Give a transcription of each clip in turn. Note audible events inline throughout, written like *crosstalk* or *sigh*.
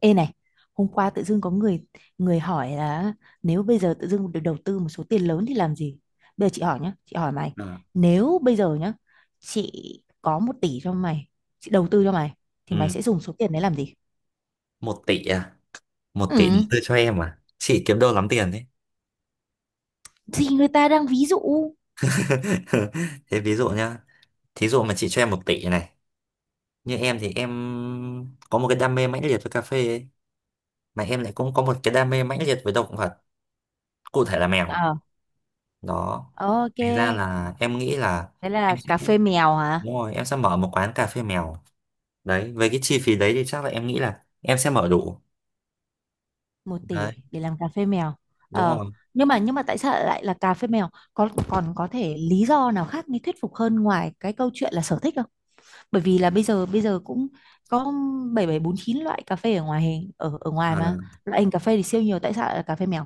Ê này, hôm qua tự dưng có người người hỏi là nếu bây giờ tự dưng được đầu tư một số tiền lớn thì làm gì? Bây giờ chị hỏi nhá, chị hỏi mày, Ờ. nếu bây giờ nhá, chị có 1 tỷ cho mày, chị đầu tư cho mày, thì mày Ừ. sẽ dùng số tiền đấy làm gì? Một tỷ à? Một Ừ, tỷ đầu tư cho em à? Chị kiếm đâu lắm tiền đấy. thì người ta đang ví dụ. *laughs* Thế ví dụ nhá. Thí dụ mà chị cho em một tỷ này. Như em thì em có một cái đam mê mãnh liệt với cà phê ấy. Mà em lại cũng có một cái đam mê mãnh liệt với động vật. Cụ thể là mèo. Ờ, Đó. ok. Thành ra là em nghĩ là Thế em là sẽ cà phê mèo hả? đúng rồi, em sẽ mở một quán cà phê mèo. Đấy, với cái chi phí đấy thì chắc là em nghĩ là em sẽ mở đủ. Một Đấy, tỷ để làm cà phê mèo. đúng Ờ, rồi. nhưng mà tại sao lại là cà phê mèo? Có còn có thể lý do nào khác mới thuyết phục hơn ngoài cái câu chuyện là sở thích không? Bởi vì là bây giờ cũng có 7749 loại cà phê ở ngoài hình ở ở ngoài Ờ. mà loại hình cà phê thì siêu nhiều, tại sao lại là cà phê mèo?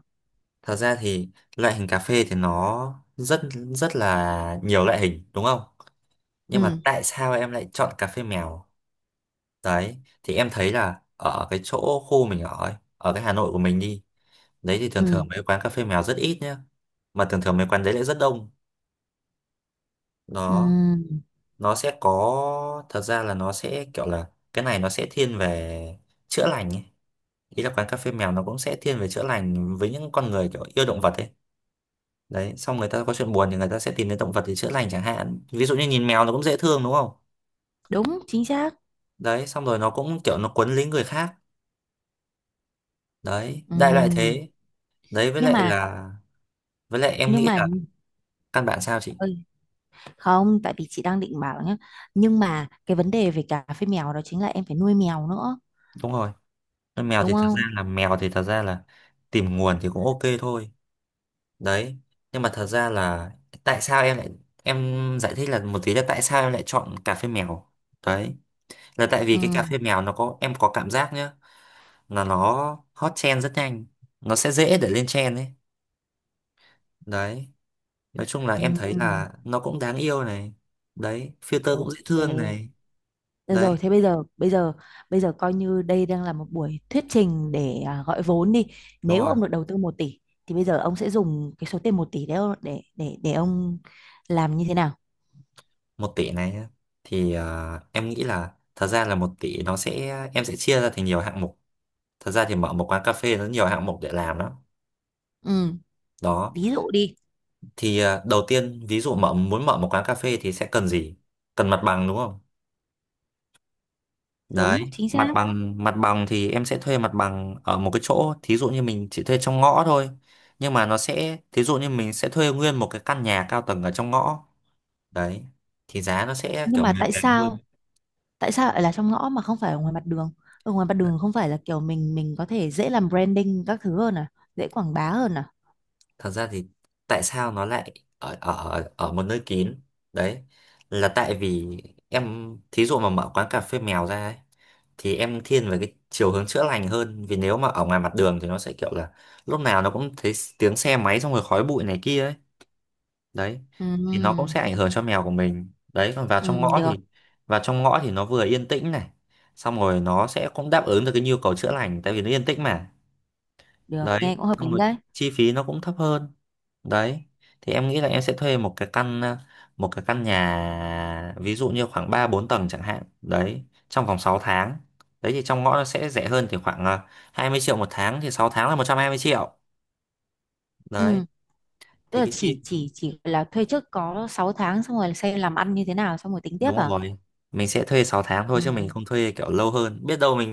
Thật ra thì loại hình cà phê thì nó rất rất là nhiều loại hình đúng không? Nhưng mà Ừ, tại sao em lại chọn cà phê mèo? Đấy, thì em thấy là ở cái chỗ khu mình ở ấy, ở cái Hà Nội của mình đi, đấy thì thường thường ừ, mấy quán cà phê mèo rất ít nhá. Mà thường thường mấy quán đấy lại rất đông. Đó, ừ, nó sẽ có thật ra là nó sẽ kiểu là cái này nó sẽ thiên về chữa lành ấy. Ý là quán cà phê mèo nó cũng sẽ thiên về chữa lành với những con người kiểu yêu động vật ấy. Đấy, xong người ta có chuyện buồn thì người ta sẽ tìm đến động vật để chữa lành chẳng hạn, ví dụ như nhìn mèo nó cũng dễ thương đúng không? đúng chính xác. Đấy, xong rồi nó cũng kiểu nó quấn lấy người khác. Đấy, đại loại Ừ. thế. Đấy, với nhưng lại mà là với lại em nhưng nghĩ mà là căn bản, sao chị? ơi, không, tại vì chị đang định bảo nhá, nhưng mà cái vấn đề về cà phê mèo đó chính là em phải nuôi mèo nữa, Đúng rồi, con mèo đúng thì thật ra không? là mèo thì thật ra là tìm nguồn thì cũng ok thôi. Đấy, nhưng mà thật ra là tại sao em lại em giải thích là một tí là tại sao em lại chọn cà phê mèo. Đấy, là tại vì Ừ, cái cà phê mèo nó có, em có cảm giác nhá là nó hot trend rất nhanh. Nó sẽ dễ để lên trend ấy. Đấy, nói chung là em thấy ừ, là nó cũng đáng yêu này. Đấy, filter cũng dễ ok. thương này. Được Đấy, rồi, thế bây giờ coi như đây đang là một buổi thuyết trình để gọi vốn đi. đúng Nếu rồi. ông được đầu tư 1 tỷ thì bây giờ ông sẽ dùng cái số tiền 1 tỷ đấy để ông làm như thế nào? Một tỷ này nhá. Thì em nghĩ là thật ra là một tỷ nó sẽ, em sẽ chia ra thành nhiều hạng mục. Thật ra thì mở một quán cà phê nó nhiều hạng mục để làm lắm. Ừ, Đó, ví dụ đi. thì đầu tiên, ví dụ muốn mở một quán cà phê thì sẽ cần gì? Cần mặt bằng đúng không? Đấy, Đúng, chính xác. mặt bằng, mặt bằng thì em sẽ thuê mặt bằng ở một cái chỗ thí dụ như mình chỉ thuê trong ngõ thôi, nhưng mà nó sẽ thí dụ như mình sẽ thuê nguyên một cái căn nhà cao tầng ở trong ngõ. Đấy, thì giá nó sẽ Nhưng kiểu mà mềm tại mềm sao hơn. tại sao lại là trong ngõ mà không phải ở ngoài mặt đường? Ở ngoài mặt đường không phải là kiểu mình có thể dễ làm branding các thứ hơn à, dễ quảng bá hơn à? Thật ra thì tại sao nó lại ở ở ở một nơi kín? Đấy, là tại vì em thí dụ mà mở quán cà phê mèo ra ấy, thì em thiên về cái chiều hướng chữa lành hơn, vì nếu mà ở ngoài mặt đường thì nó sẽ kiểu là lúc nào nó cũng thấy tiếng xe máy xong rồi khói bụi này kia ấy. Đấy, thì nó cũng Ừ, sẽ ảnh hưởng cho mèo của mình đấy. Còn vào ừ, trong ngõ được, thì nó vừa yên tĩnh này, xong rồi nó sẽ cũng đáp ứng được cái nhu cầu chữa lành tại vì nó yên tĩnh mà. được, Đấy, nghe cũng hợp xong lý rồi đấy. chi phí nó cũng thấp hơn. Đấy, thì em nghĩ là em sẽ thuê một cái căn một cái căn nhà ví dụ như khoảng 3 4 tầng chẳng hạn đấy trong vòng 6 tháng. Đấy, thì trong ngõ nó sẽ rẻ hơn thì khoảng 20 triệu một tháng thì 6 tháng là 120 triệu. Đấy, Ừ. Tức thì là cái chi, chỉ là thuê trước có 6 tháng xong rồi xem làm ăn như thế nào xong rồi tính tiếp đúng à? rồi, mình sẽ thuê 6 tháng thôi Ừ. chứ Ừ. mình không thuê kiểu lâu hơn, biết đâu mình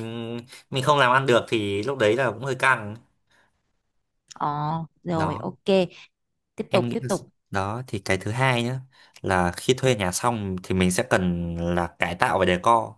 mình không làm ăn được thì lúc đấy là cũng hơi căng. Ờ, rồi, Đó, ok. Tiếp tục, em nghĩ tiếp là tục. đó thì cái thứ hai nhá là khi thuê nhà xong thì mình sẽ cần là cải tạo và decor.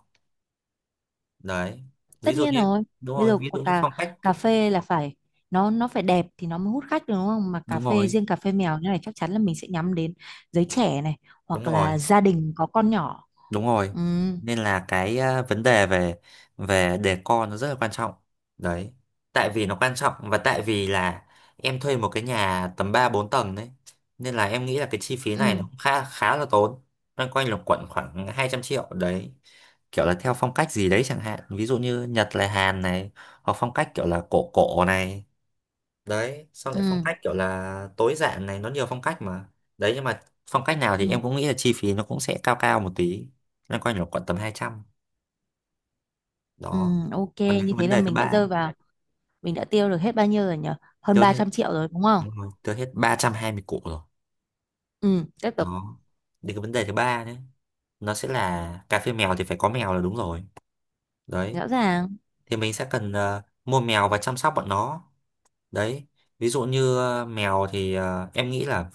Đấy, ví Tất dụ nhiên như, rồi. đúng Bây rồi, giờ ví quả dụ như cà phong cách. cà phê là phải, nó phải đẹp thì nó mới hút khách được đúng không? Mà cà Đúng phê, rồi. riêng cà phê mèo như này chắc chắn là mình sẽ nhắm đến giới trẻ này Đúng hoặc rồi. là gia đình có con nhỏ. Đúng rồi. Ừ, Nên là cái vấn đề về về decor nó rất là quan trọng. Đấy, tại vì nó quan trọng và tại vì là em thuê một cái nhà tầm 3 4 tầng đấy, nên là em nghĩ là cái chi phí này nó ừ, cũng khá khá là tốn, loanh quanh là quẩn khoảng 200 triệu đấy, kiểu là theo phong cách gì đấy chẳng hạn, ví dụ như Nhật là Hàn này, hoặc phong cách kiểu là cổ cổ này. Đấy, xong lại phong ừ, cách kiểu là tối giản này, nó nhiều phong cách mà. Đấy, nhưng mà phong cách nào thì ừ, em cũng nghĩ là chi phí nó cũng sẽ cao cao một tí, loanh quanh là khoảng tầm 200. ừ, Đó, ok. còn đến Như cái thế vấn là đề thứ ba. Mình đã tiêu được hết bao nhiêu rồi nhỉ? Hơn Tiêu ba hết, trăm triệu rồi đúng không? đúng rồi, tiêu hết 320 củ rồi. Ừ, tiếp tục. Đó, đến cái vấn đề thứ ba đấy, nó sẽ là cà phê mèo thì phải có mèo là đúng rồi. Đấy, Rõ ràng, thì mình sẽ cần mua mèo và chăm sóc bọn nó. Đấy, ví dụ như mèo thì em nghĩ là,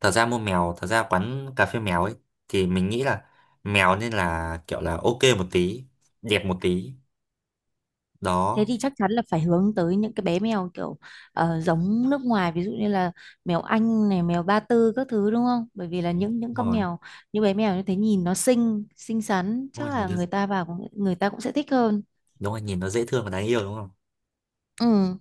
thật ra mua mèo, thật ra quán cà phê mèo ấy, thì mình nghĩ là mèo nên là kiểu là ok một tí, đẹp một tí. thế Đó. thì chắc chắn là phải hướng tới những cái bé mèo kiểu giống nước ngoài, ví dụ như là mèo Anh này, mèo Ba Tư các thứ, đúng không? Bởi vì là những Đúng con rồi. mèo, như bé mèo như thế nhìn nó xinh, xinh xắn, Đúng chắc rồi, nhìn là nó, người ta vào người ta cũng sẽ thích hơn. đúng rồi nhìn nó dễ thương và đáng yêu đúng không? Ừ,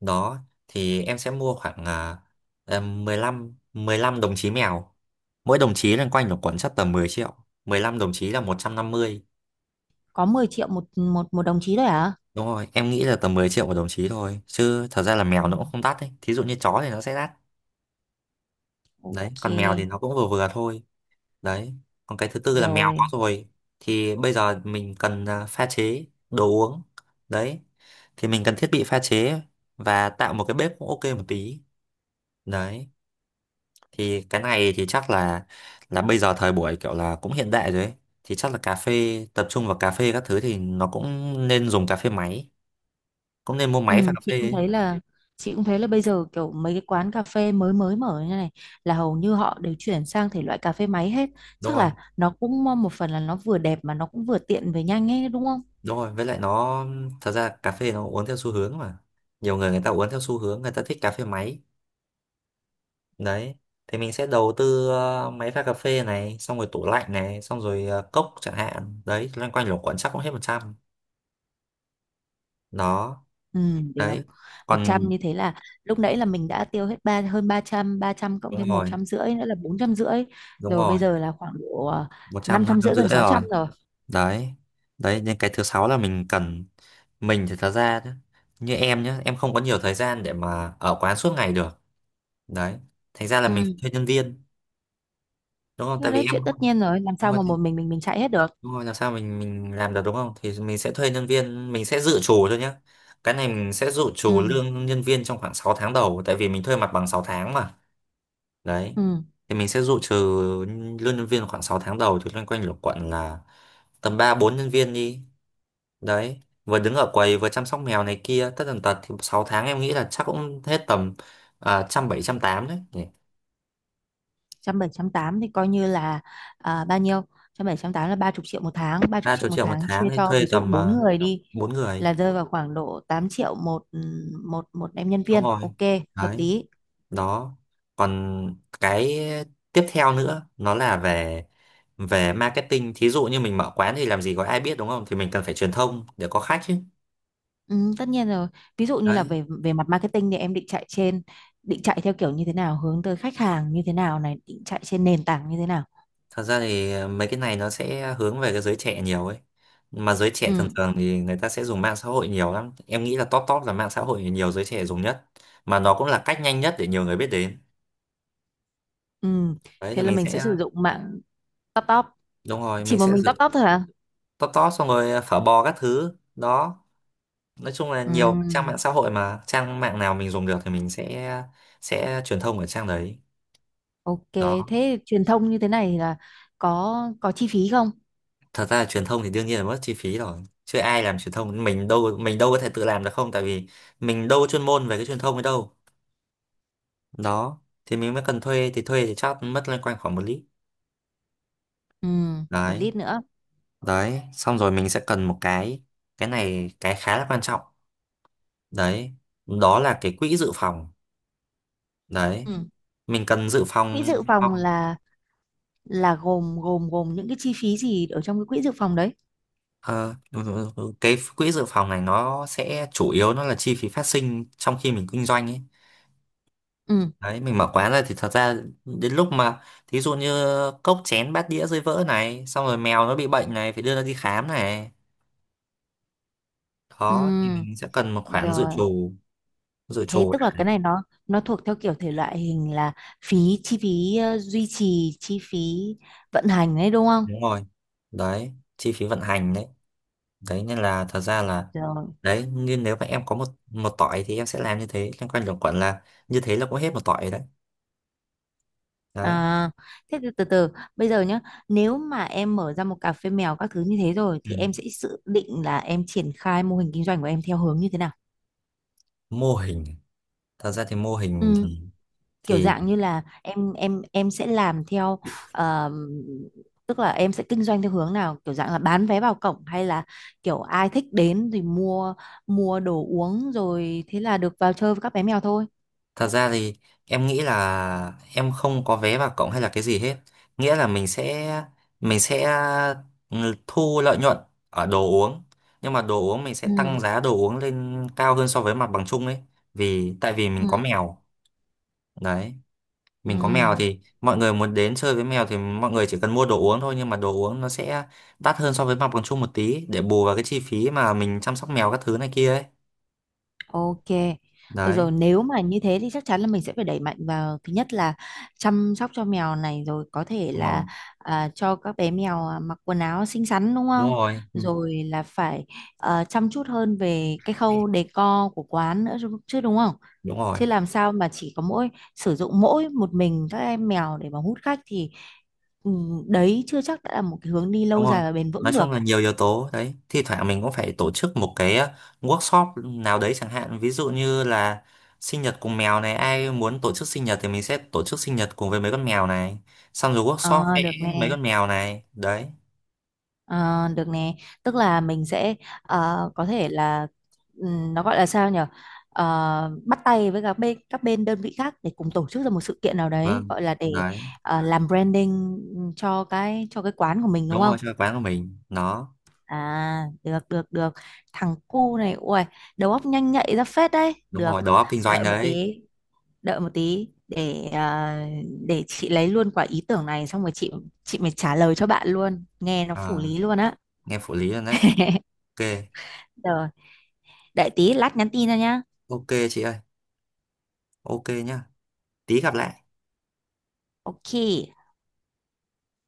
Đó, thì em sẽ mua khoảng em 15 đồng chí mèo, mỗi đồng chí loanh quanh là khoảng chắc tầm 10 triệu, 15 đồng chí là 150. có 10 triệu một một một đồng chí thôi hả? Đúng rồi, em nghĩ là tầm 10 triệu một đồng chí thôi chứ thật ra là Ừ, mèo nó cũng không đắt đấy, thí dụ như chó thì nó sẽ đắt. Đấy, còn mèo thì ok, nó cũng vừa vừa thôi. Đấy, còn cái thứ tư là mèo có rồi. rồi thì bây giờ mình cần pha chế đồ uống. Đấy, thì mình cần thiết bị pha chế và tạo một cái bếp cũng ok một tí. Đấy, thì cái này thì chắc là bây giờ thời buổi kiểu là cũng hiện đại rồi ấy, thì chắc là cà phê tập trung vào cà phê các thứ thì nó cũng nên dùng cà phê máy, cũng nên mua máy pha Ừ, cà chị phê cũng ấy. thấy là chị cũng thấy là bây giờ kiểu mấy cái quán cà phê mới mới mở như này là hầu như họ đều chuyển sang thể loại cà phê máy hết, Đúng chắc rồi. là nó cũng một phần là nó vừa đẹp mà nó cũng vừa tiện về nhanh ấy đúng không? Đúng rồi, với lại nó, thật ra cà phê nó uống theo xu hướng mà, nhiều người, người ta uống theo xu hướng người ta thích cà phê máy. Đấy, thì mình sẽ đầu tư máy pha cà phê này, xong rồi tủ lạnh này, xong rồi cốc chẳng hạn đấy, loanh quanh luẩn quẩn chắc cũng hết một trăm. Đó. Ừ, được. Đấy. Một trăm Còn, như thế là lúc nãy là mình đã tiêu hết hơn ba trăm, cộng đúng thêm một rồi, trăm rưỡi nữa là 450 đúng rồi, bây rồi. giờ là khoảng độ Một năm trăm năm trăm rưỡi rưỡi gần sáu rồi. trăm rồi. Đấy, đấy nên cái thứ sáu là mình cần. Mình thì thật ra nhá, như em nhá em không có nhiều thời gian để mà ở quán suốt ngày được. Đấy, thành ra là mình phải Ừ. thuê nhân viên, đúng không? Thế Tại vì đấy, em, chuyện tất nhiên rồi, làm đúng sao rồi, mà một mình chạy hết được. đúng rồi, làm sao mình làm được đúng không? Thì mình sẽ thuê nhân viên, mình sẽ dự trù thôi nhé. Cái này mình sẽ dự trù Ừ. lương nhân viên trong khoảng 6 tháng đầu tại vì mình thuê mặt bằng 6 tháng mà. Đấy, Ừ. thì mình sẽ dự trù lương nhân viên khoảng 6 tháng đầu thì loanh quanh lục quận là tầm 3 4 nhân viên đi. Đấy, vừa đứng ở quầy vừa chăm sóc mèo này kia tất tần tật thì 6 tháng em nghĩ là chắc cũng hết tầm trăm bảy trăm tám đấy nhỉ. Trăm bảy, trăm tám thì coi như là bao nhiêu? Trăm bảy trăm tám là 30 triệu một tháng, ba chục ba triệu chục một triệu một tháng chia tháng thì cho thuê ví dụ tầm bốn uh, người đi 4 người. là rơi vào khoảng độ 8 triệu một, ừ, một một em nhân Đúng viên, rồi. ok, hợp Đấy. lý. Đó, còn cái tiếp theo nữa nó là về về marketing, thí dụ như mình mở quán thì làm gì có ai biết đúng không? Thì mình cần phải truyền thông để có khách chứ. Ừ, tất nhiên rồi. Ví dụ như là Đấy, về về mặt marketing thì em định chạy theo kiểu như thế nào, hướng tới khách hàng như thế nào này, định chạy trên nền tảng như thế nào? thật ra thì mấy cái này nó sẽ hướng về cái giới trẻ nhiều ấy, mà giới trẻ thường Ừ, thường thì người ta sẽ dùng mạng xã hội nhiều lắm, em nghĩ là top top là mạng xã hội nhiều giới trẻ dùng nhất, mà nó cũng là cách nhanh nhất để nhiều người biết đến. ừ. Đấy, thì Thế là mình mình sẽ, sẽ sử dụng mạng top top, đúng rồi, chỉ mình một sẽ mình giữ top top thôi hả? top top xong rồi phở bò các thứ. Đó, nói chung là Ừ. nhiều trang mạng xã hội, mà trang mạng nào mình dùng được thì mình sẽ truyền thông ở trang đấy. Ok, Đó, thế truyền thông như thế này là có có chi phí không? thật ra là truyền thông thì đương nhiên là mất chi phí rồi chứ, ai làm truyền thông, mình đâu có thể tự làm được không, tại vì mình đâu có chuyên môn về cái truyền thông ấy đâu. Đó, thì mình mới cần thuê, thì thuê thì chắc mất loanh quanh khoảng một lít. Ừ, một Đấy. lít nữa. Đấy, xong rồi mình sẽ cần một cái này cái khá là quan trọng đấy, đó là cái quỹ dự phòng. Đấy, Ừ. mình cần dự Quỹ phòng. dự phòng là gồm gồm gồm những cái chi phí gì ở trong cái quỹ dự phòng đấy? Ờ, đúng rồi, đúng rồi. Cái quỹ dự phòng này nó sẽ chủ yếu nó là chi phí phát sinh trong khi mình kinh doanh ấy. Ừ. Đấy, mình mở quán ra thì thật ra đến lúc mà thí dụ như cốc chén bát đĩa rơi vỡ này, xong rồi mèo nó bị bệnh này, phải đưa nó đi khám này. Ừ, Đó, thì mình sẽ cần một khoản rồi. Dự Thế trù tức là đã. cái này nó thuộc theo kiểu thể loại hình là phí chi phí duy trì, chi phí vận hành đấy đúng không? Đúng rồi. Đấy, chi phí vận hành đấy. Đấy nên là thật ra là, Rồi. đấy, nhưng nếu mà em có một một tỏi thì em sẽ làm như thế, liên quan đến quản là như thế là cũng hết một tỏi rồi đấy. Đấy. À, thế từ từ bây giờ nhá, nếu mà em mở ra một cà phê mèo các thứ như thế rồi Ừ. thì em sẽ dự định là em triển khai mô hình kinh doanh của em theo hướng như thế nào? Mô hình, thật ra thì mô hình Ừ, thì kiểu thì dạng như là em sẽ làm theo, ờm, tức là em sẽ kinh doanh theo hướng nào, kiểu dạng là bán vé vào cổng hay là kiểu ai thích đến thì mua mua đồ uống rồi thế là được vào chơi với các bé mèo thôi. thật ra thì em nghĩ là em không có vé vào cộng hay là cái gì hết, nghĩa là mình sẽ ừ, thu lợi nhuận ở đồ uống, nhưng mà đồ uống mình sẽ Ừ. tăng giá đồ uống lên cao hơn so với mặt bằng chung ấy, vì tại vì mình có Ừ. mèo. Đấy, Ừ. mình có mèo thì mọi người muốn đến chơi với mèo thì mọi người chỉ cần mua đồ uống thôi, nhưng mà đồ uống nó sẽ đắt hơn so với mặt bằng chung một tí để bù vào cái chi phí mà mình chăm sóc mèo các thứ này kia ấy. Ok. Được Đấy. rồi, nếu mà như thế thì chắc chắn là mình sẽ phải đẩy mạnh vào thứ nhất là chăm sóc cho mèo này, rồi có thể Đúng rồi. là cho các bé mèo mặc quần áo xinh xắn đúng Đúng không? rồi. Ừ. Rồi là phải chăm chút hơn về cái khâu decor của quán nữa chứ chứ đúng không? Đúng rồi. Chứ làm sao mà chỉ có mỗi sử dụng mỗi một mình các em mèo để mà hút khách thì, ừ, đấy chưa chắc đã là một cái hướng đi Đúng lâu rồi, dài và bền nói vững chung được. là nhiều yếu tố đấy, thi thoảng mình cũng phải tổ chức một cái workshop nào đấy chẳng hạn, ví dụ như là sinh nhật cùng mèo này, ai muốn tổ chức sinh nhật thì mình sẽ tổ chức sinh nhật cùng với mấy con mèo này, xong rồi workshop Ờ, vẽ được mấy nè. con mèo này. Đấy. Ờ, được nè, tức là mình sẽ có thể là, nó gọi là sao nhở? Ờ, bắt tay với các bên đơn vị khác để cùng tổ chức ra một sự kiện nào đấy Vâng. gọi là để Đấy, làm branding, cho cái quán của mình đúng đúng rồi, không? cho quán của mình nó. À, được, được, được. Thằng cu này, ui, đầu óc nhanh nhạy ra phết đấy. Đúng Được. rồi, đầu óc kinh doanh Đợi một đấy. tí, đợi một tí để để chị lấy luôn quả ý tưởng này xong rồi chị mới trả lời cho bạn luôn. Nghe nó phủ Ờ, lý luôn á. nghe phụ lý rồi đấy. Ok. Rồi, đợi tí lát nhắn tin cho nhá. Ok chị ơi. Ok nhá. Tí gặp lại. Ok.